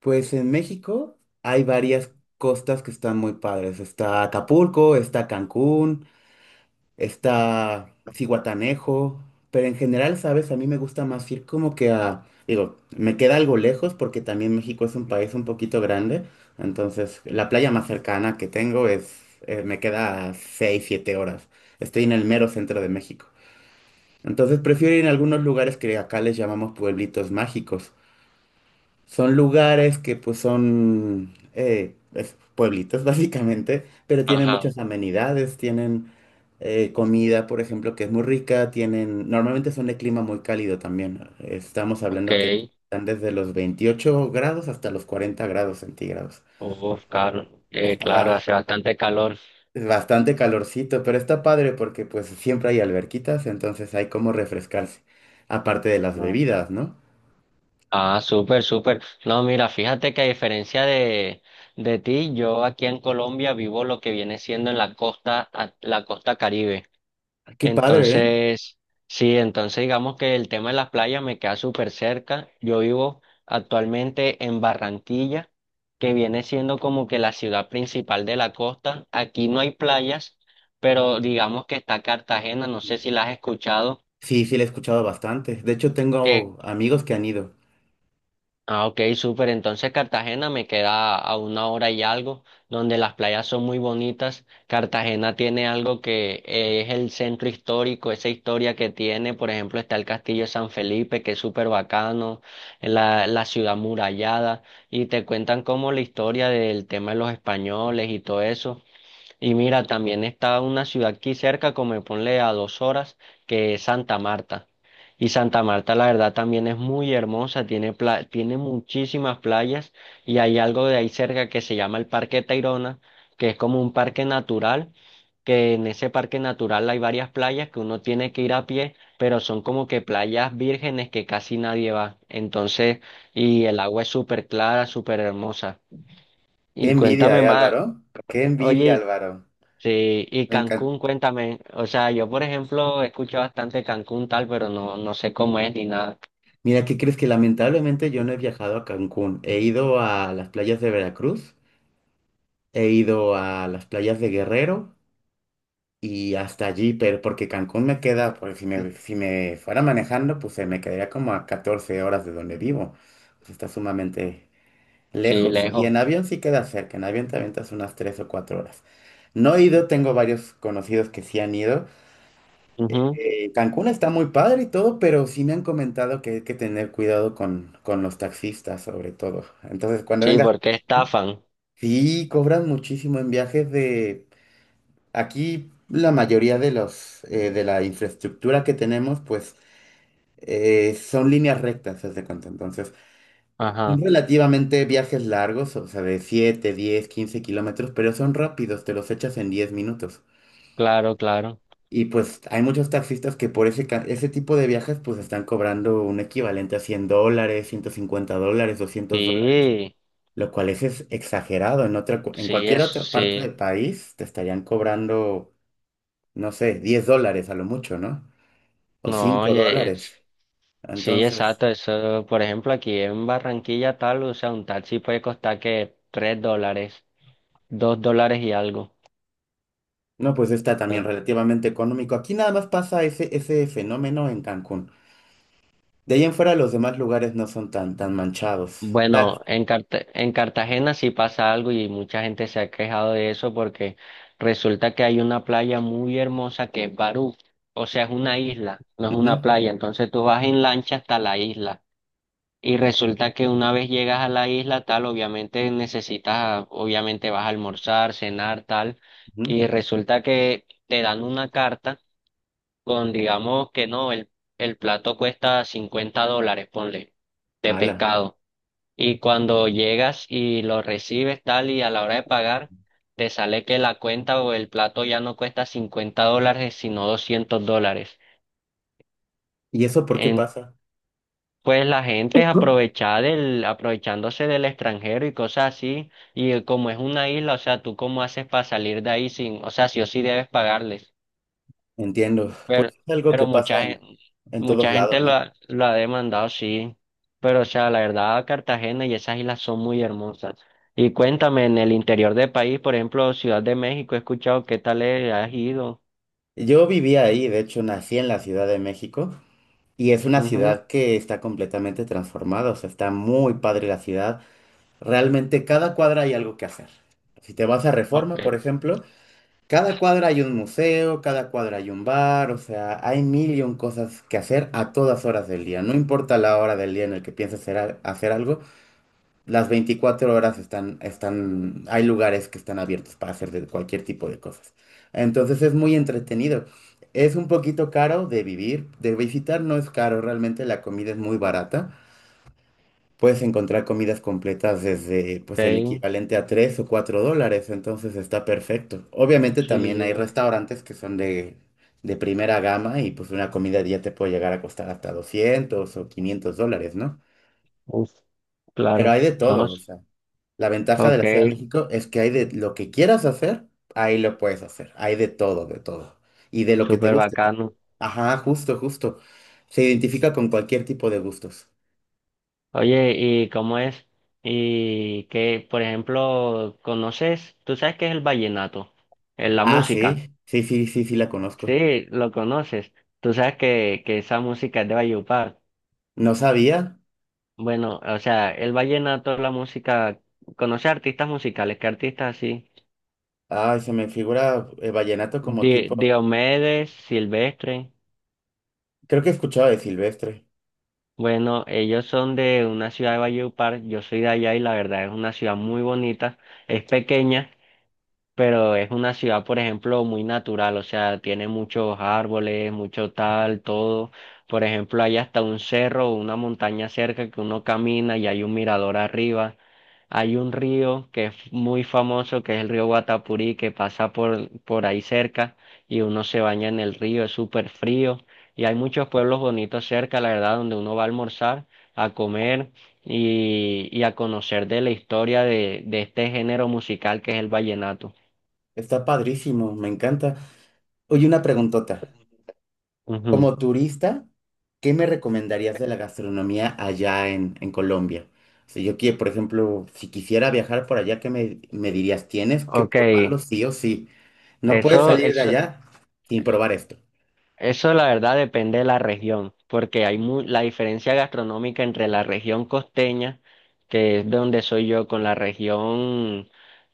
Pues en México hay varias costas que están muy padres. Está Acapulco, está Cancún, está Zihuatanejo, pero en general, ¿sabes? A mí me gusta más ir como que a, digo, me queda algo lejos porque también México es un país un poquito grande, entonces la playa más cercana que tengo es, me queda a 6, 7 horas. Estoy en el mero centro de México. Entonces prefiero ir a algunos lugares que acá les llamamos pueblitos mágicos. Son lugares que pues son pueblitos básicamente, pero tienen Ajá, muchas amenidades, tienen comida, por ejemplo, que es muy rica, tienen, normalmente son de clima muy cálido también. Estamos ok. hablando que están desde los 28 grados hasta los 40 grados centígrados. Uf, claro, claro, Está hace bastante calor. bastante calorcito, pero está padre porque pues siempre hay alberquitas, entonces hay como refrescarse, aparte de las Ah, bebidas, ¿no? Ah, súper, súper. No, mira, fíjate que a diferencia de ti, yo aquí en Colombia vivo lo que viene siendo en la costa, la costa Caribe. Qué padre, Entonces, sí, entonces digamos que el tema de las playas me queda súper cerca. Yo vivo actualmente en Barranquilla, que viene siendo como que la ciudad principal de la costa. Aquí no hay playas, pero digamos que está Cartagena, no sé ¿eh? si la has escuchado. Sí, sí, la he escuchado bastante. De hecho, Que tengo amigos que han ido. Ah, ok, súper. Entonces Cartagena me queda a una hora y algo, donde las playas son muy bonitas. Cartagena tiene algo que es el centro histórico, esa historia que tiene. Por ejemplo, está el Castillo de San Felipe, que es súper bacano, la ciudad murallada, y te cuentan como la historia del tema de los españoles y todo eso. Y mira, también está una ciudad aquí cerca, como de ponle a 2 horas, que es Santa Marta. Y Santa Marta, la verdad, también es muy hermosa, tiene, tiene muchísimas playas y hay algo de ahí cerca que se llama el Parque Tayrona, que es como un parque natural, que en ese parque natural hay varias playas que uno tiene que ir a pie, pero son como que playas vírgenes que casi nadie va. Entonces, y el agua es súper clara, súper hermosa. Qué Y envidia, cuéntame ¿eh, más, Álvaro? Qué envidia, oye, Álvaro. sí, y Me encanta. Cancún, cuéntame. O sea, yo por ejemplo escucho bastante Cancún tal, pero no, no sé cómo es ni nada. Mira, ¿qué crees? Que lamentablemente yo no he viajado a Cancún. He ido a las playas de Veracruz, he ido a las playas de Guerrero y hasta allí, pero porque Cancún me queda, pues si me fuera manejando, pues se me quedaría como a 14 horas de donde vivo. Pues, está sumamente Sí, lejos. Y lejos. en avión sí queda cerca. En avión te avientas unas 3 o 4 horas. No he ido, tengo varios conocidos que sí han ido. Ujú. Cancún está muy padre y todo, pero sí me han comentado que hay que tener cuidado con los taxistas, sobre todo. Entonces, cuando Sí, vengas a porque México, estafan. sí cobran muchísimo en viajes de... Aquí la mayoría de de la infraestructura que tenemos, pues, son líneas rectas, haz de cuenta. Entonces, son Ajá, relativamente viajes largos, o sea, de 7, 10, 15 kilómetros, pero son rápidos, te los echas en 10 minutos. claro, claro. Y pues hay muchos taxistas que por ese tipo de viajes pues están cobrando un equivalente a $100, $150, $200, Sí, lo cual es exagerado. En sí, cualquier es, otra parte sí. del país te estarían cobrando, no sé, $10 a lo mucho, ¿no? O No, 5 oye, dólares. sí, Entonces, exacto. Eso, por ejemplo, aquí en Barranquilla tal, o sea, un taxi puede costar que $3, $2 y algo. no, pues está también relativamente económico. Aquí nada más pasa ese fenómeno en Cancún. De ahí en fuera los demás lugares no son tan, tan manchados. Tal. Bueno, en en Cartagena sí pasa algo y mucha gente se ha quejado de eso porque resulta que hay una playa muy hermosa que es Barú, o sea, es una isla, no es Ujú, una playa, entonces tú vas en lancha hasta la isla y resulta que una vez llegas a la isla tal, obviamente necesitas, obviamente vas a almorzar, cenar, tal, ujú. y resulta que te dan una carta con, digamos que no, el plato cuesta $50, ponle, de Ala. pescado. Y cuando llegas y lo recibes tal y a la hora de pagar, te sale que la cuenta o el plato ya no cuesta $50, sino $200. ¿Y eso por qué En- pasa? pues la gente es Ujú. aprovechada del, aprovechándose del extranjero y cosas así. Y como es una isla, o sea, ¿tú cómo haces para salir de ahí sin, o sea, sí o sí debes pagarles? Entiendo. Pues Pero, es algo que pero, pasa en, en todos mucha gente lados, lo ¿no? ha, lo ha demandado, sí. Pero, o sea, la verdad, Cartagena y esas islas son muy hermosas. Y cuéntame, en el interior del país, por ejemplo, Ciudad de México, he escuchado qué tal es, has ido. Yo vivía ahí, de hecho nací en la Ciudad de México y es una Ujú. ciudad que está completamente transformada, o sea, está muy padre la ciudad. Realmente cada cuadra hay algo que hacer. Si te vas a Ok, Reforma, por ejemplo, cada cuadra hay un museo, cada cuadra hay un bar, o sea, hay mil y un cosas que hacer a todas horas del día. No importa la hora del día en el que pienses hacer, hacer algo, las 24 horas hay lugares que están abiertos para hacer de cualquier tipo de cosas. Entonces es muy entretenido. Es un poquito caro de vivir, de visitar no es caro, realmente la comida es muy barata. Puedes encontrar comidas completas desde pues el ok, equivalente a 3 o 4 dólares, entonces está perfecto. Obviamente también hay sí, restaurantes que son de primera gama y pues una comida ya te puede llegar a costar hasta 200 o 500 dólares, ¿no? uf, Pero claro, hay de no, todo, o sea, la ventaja de ok, la Ciudad de México es que hay de lo que quieras hacer, ahí lo puedes hacer, hay de todo, de todo. Y de lo que te súper guste. Bacano. Ajá, justo, justo. Se identifica con cualquier tipo de gustos. Oye, ¿y cómo es? Y qué por ejemplo, ¿conoces? ¿Tú sabes qué es el vallenato? La Ah, música. sí, sí, sí, sí, sí, la conozco. Sí, lo conoces. Tú sabes que, esa música es de Valledupar. No sabía. Bueno, o sea, el vallenato, la música, conoce artistas musicales, ¿qué artistas así? Ay, se me figura vallenato como tipo. Diomedes, Silvestre. Creo que he escuchado de Silvestre. Bueno, ellos son de una ciudad de Valledupar, yo soy de allá y la verdad es una ciudad muy bonita, es pequeña, pero es una ciudad, por ejemplo, muy natural, o sea, tiene muchos árboles, mucho tal, todo. Por ejemplo, hay hasta un cerro o una montaña cerca que uno camina y hay un mirador arriba. Hay un río que es muy famoso, que es el río Guatapurí, que pasa por ahí cerca y uno se baña en el río, es súper frío. Y hay muchos pueblos bonitos cerca, la verdad, donde uno va a almorzar, a comer y a conocer de la historia de este género musical que es el vallenato. Está padrísimo, me encanta. Oye, una preguntota. Ujú, Como turista, ¿qué me recomendarías de la gastronomía allá en Colombia? Si yo quiero, por ejemplo, si quisiera viajar por allá, ¿qué me dirías? Tienes que ok, probarlo sí o sí. No puedes eso, salir de eso, allá sin probar esto. eso la verdad depende de la región, porque hay la diferencia gastronómica entre la región costeña, que es de donde soy yo, con la región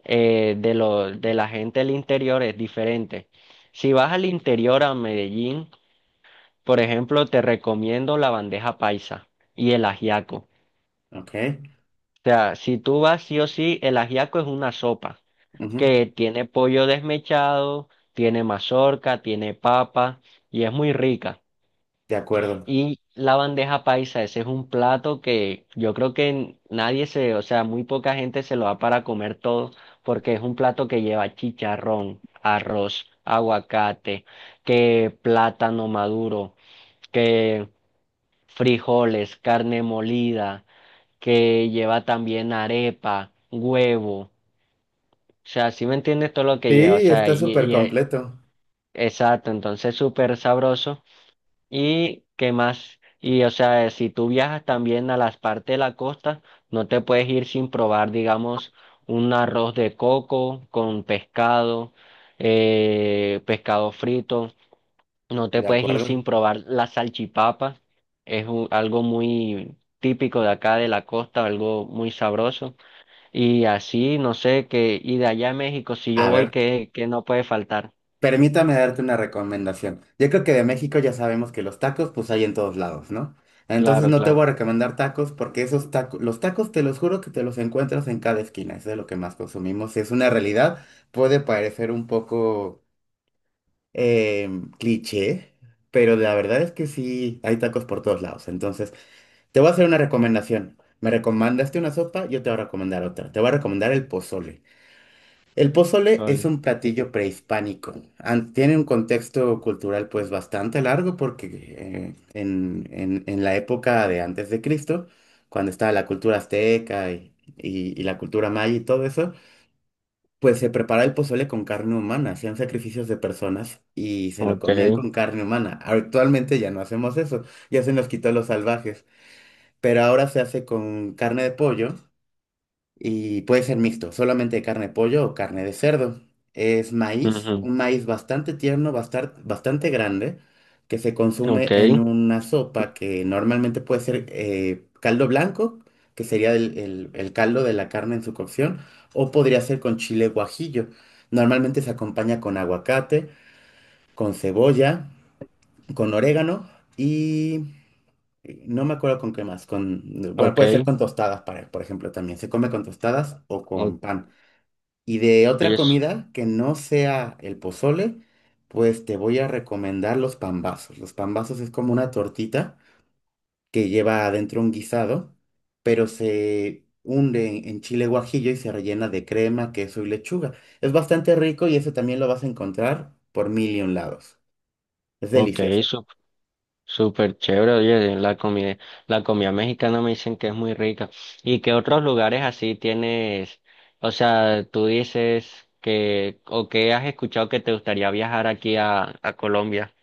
de, lo, de la gente del interior es diferente. Si vas al interior a Medellín, por ejemplo, te recomiendo la bandeja paisa y el ajiaco. O Ok. sea, si tú vas sí o sí, el ajiaco es una sopa Ujú. que tiene pollo desmechado, tiene mazorca, tiene papa y es muy rica. De acuerdo. Y la bandeja paisa, ese es un plato que yo creo que nadie se, o sea, muy poca gente se lo da para comer todo porque es un plato que lleva chicharrón, arroz, aguacate, que plátano maduro, que frijoles, carne molida, que lleva también arepa, huevo. O sea, ¿si me entiendes todo lo Sí, que lleva? O sea, está súper completo. exacto, entonces súper sabroso. ¿Y qué más? Y o sea, si tú viajas también a las partes de la costa, no te puedes ir sin probar, digamos, un arroz de coco con pescado, pescado frito. No te De puedes ir acuerdo. sin probar la salchipapa. Es algo muy típico de acá de la costa, algo muy sabroso. Y así, no sé, que, y de allá a México, si yo A voy, ver. que no puede faltar. Permítame darte una recomendación. Yo creo que de México ya sabemos que los tacos pues hay en todos lados, ¿no? Entonces Claro, no te voy claro. a recomendar tacos porque esos tacos, los tacos te los juro que te los encuentras en cada esquina, eso es de lo que más consumimos. Es una realidad, puede parecer un poco cliché, pero la verdad es que sí, hay tacos por todos lados. Entonces te voy a hacer una recomendación. Me recomendaste una sopa, yo te voy a recomendar otra. Te voy a recomendar el pozole. El pozole es Solo un platillo prehispánico. Tiene un contexto cultural pues bastante largo porque en la época de antes de Cristo, cuando estaba la cultura azteca y la cultura maya y todo eso, pues se preparaba el pozole con carne humana, hacían sacrificios de personas y se lo ok, comían con carne humana. Actualmente ya no hacemos eso, ya se nos quitó los salvajes, pero ahora se hace con carne de pollo y puede ser mixto, solamente carne de pollo o carne de cerdo. Es maíz, ujú, un maíz bastante tierno, bastante grande, que se consume en ok, una sopa que normalmente puede ser caldo blanco, que sería el caldo de la carne en su cocción, o podría ser con chile guajillo. Normalmente se acompaña con aguacate, con cebolla, con orégano y no me acuerdo con qué más. Bueno, puede ser ok, con tostadas, para, por ejemplo, también. Se come con tostadas o con o- pan. Y de otra oye, comida que no sea el pozole, pues te voy a recomendar los pambazos. Los pambazos es como una tortita que lleva adentro un guisado, pero se hunde en chile guajillo y se rellena de crema, queso y lechuga. Es bastante rico y eso también lo vas a encontrar por mil y un lados. Es ok, delicioso. Súper chévere, oye, la comida mexicana me dicen que es muy rica. ¿Y qué otros lugares así tienes? O sea, tú dices que, o que has escuchado que te gustaría viajar aquí a Colombia.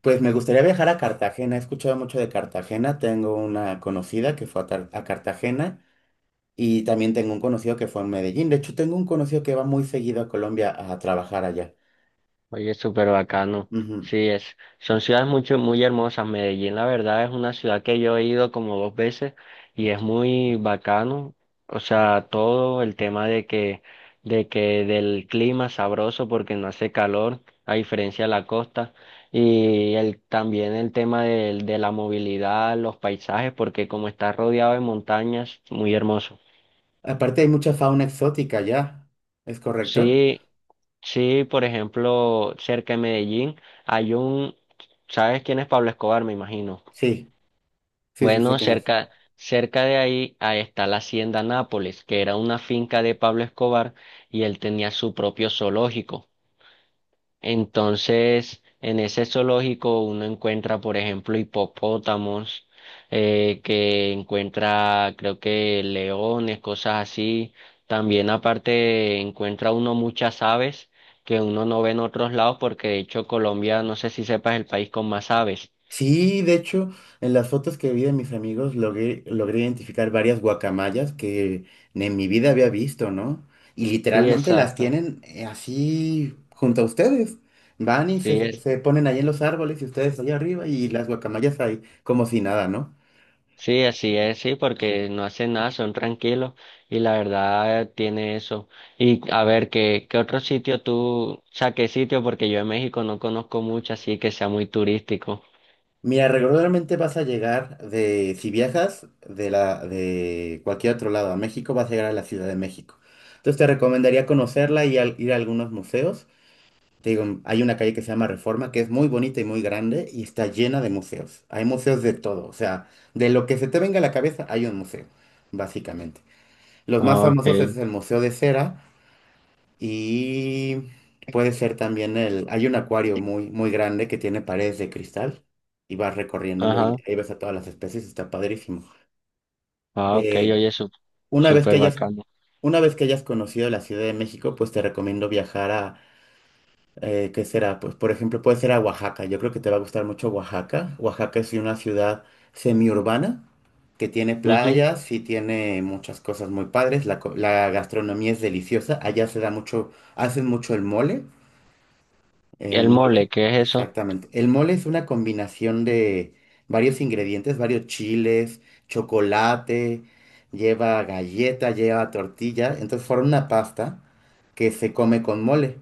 Pues me gustaría viajar a Cartagena. He escuchado mucho de Cartagena. Tengo una conocida que fue a Cartagena. Y también tengo un conocido que fue en Medellín. De hecho, tengo un conocido que va muy seguido a Colombia a trabajar allá. Oye, súper bacano. Ujú. Sí, es. Son ciudades mucho, muy hermosas. Medellín, la verdad, es una ciudad que yo he ido como dos veces y es muy bacano. O sea, todo el tema de que del clima sabroso porque no hace calor, a diferencia de la costa. Y el, también el tema de la movilidad, los paisajes, porque como está rodeado de montañas, muy hermoso. Aparte, hay mucha fauna exótica allá. ¿Es correcto? Sí. Sí, por ejemplo, cerca de Medellín hay un, ¿sabes quién es Pablo Escobar? Me imagino. Sí, sí, sí, sé Bueno, quién es. cerca de ahí, ahí está la Hacienda Nápoles, que era una finca de Pablo Escobar y él tenía su propio zoológico. Entonces, en ese zoológico uno encuentra, por ejemplo, hipopótamos, que encuentra, creo que leones, cosas así. También aparte encuentra uno muchas aves que uno no ve en otros lados porque de hecho Colombia, no sé si sepas, es el país con más aves. Sí, de hecho, en las fotos que vi de mis amigos logré identificar varias guacamayas que ni en mi vida había visto, ¿no? Y Sí, literalmente las exacto. tienen así junto a ustedes. Van y Sí, se ponen ahí en los árboles y ustedes allá arriba y las guacamayas ahí como si nada, ¿no? Sí, así es, sí, porque no hacen nada, son tranquilos y la verdad tiene eso. Y a ver, ¿qué otro sitio tú, o sea, ¿qué sitio? Porque yo en México no conozco mucho, así que sea muy turístico. Mira, regularmente vas a llegar si viajas de de cualquier otro lado a México, vas a llegar a la Ciudad de México. Entonces te recomendaría conocerla y ir a algunos museos. Te digo, hay una calle que se llama Reforma, que es muy bonita y muy grande y está llena de museos. Hay museos de todo, o sea, de lo que se te venga a la cabeza hay un museo, básicamente. Los más Ah, famosos okay, es el Museo de Cera y puede ser también el... Hay un acuario muy, muy grande que tiene paredes de cristal y vas recorriéndolo ajá, y ahí ves a todas las especies, está padrísimo. ah, okay, Eh, oye, una vez que súper hayas, bacano. una vez que hayas conocido la Ciudad de México, pues te recomiendo viajar a... ¿qué será? Pues por ejemplo puede ser a Oaxaca. Yo creo que te va a gustar mucho Oaxaca. Oaxaca es una ciudad semiurbana que tiene Ujú. playas y tiene muchas cosas muy padres. La gastronomía es deliciosa. Allá se da mucho, hacen mucho el mole. ¿Y El el mole, mole, qué es eso? exactamente. El mole es una combinación de varios ingredientes, varios chiles, chocolate, lleva galleta, lleva tortilla. Entonces forma una pasta que se come con mole,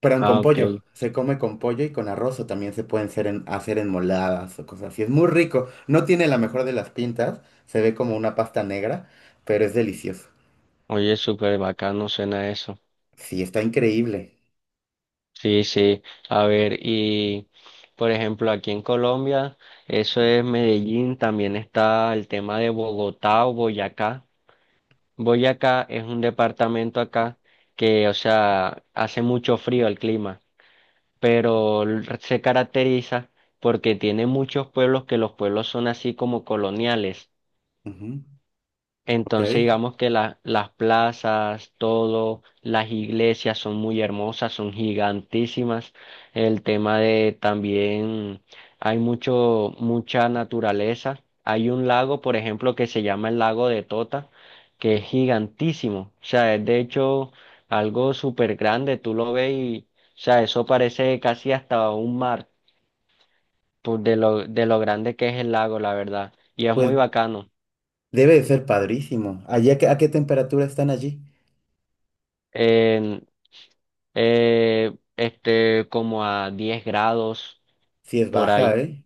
perdón, con Ah, pollo. okay, Se come con pollo y con arroz o también se pueden hacer enmoladas o cosas así. Es muy rico. No tiene la mejor de las pintas, se ve como una pasta negra, pero es delicioso. oye, súper bacano suena eso. Sí, está increíble. Sí, sí, a ver, y... Por ejemplo, aquí en Colombia, eso es Medellín, también está el tema de Bogotá o Boyacá. Boyacá es un departamento acá que, o sea, hace mucho frío el clima, pero se caracteriza porque tiene muchos pueblos que los pueblos son así como coloniales. Ujú. Entonces Ok. digamos que las plazas, todo, las iglesias son muy hermosas, son gigantísimas. El tema de también hay mucha naturaleza. Hay un lago, por ejemplo, que se llama el lago de Tota, que es gigantísimo. O sea, es de hecho algo súper grande. Tú lo ves y, o sea, eso parece casi hasta un mar, por de lo grande que es el lago, la verdad. Y es muy Pues bacano. debe de ser padrísimo. ¿Allá a qué temperatura están allí? En, este, como a 10 grados Si es por baja, ahí. ¿eh?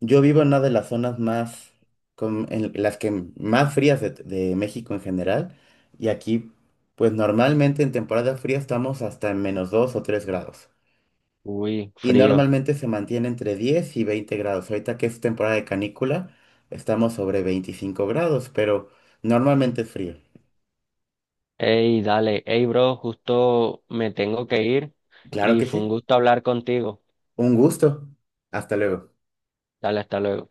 Yo vivo en una de las zonas más, en las que más frías de México en general. Y aquí, pues normalmente en temporada fría estamos hasta en menos 2 o 3 grados. Uy, Y frío. normalmente se mantiene entre 10 y 20 grados. Ahorita que es temporada de canícula, estamos sobre 25 grados, pero normalmente es frío. Ey, dale. Ey, bro, justo me tengo que ir Claro y que fue un sí. gusto hablar contigo. Un gusto. Hasta luego. Dale, hasta luego.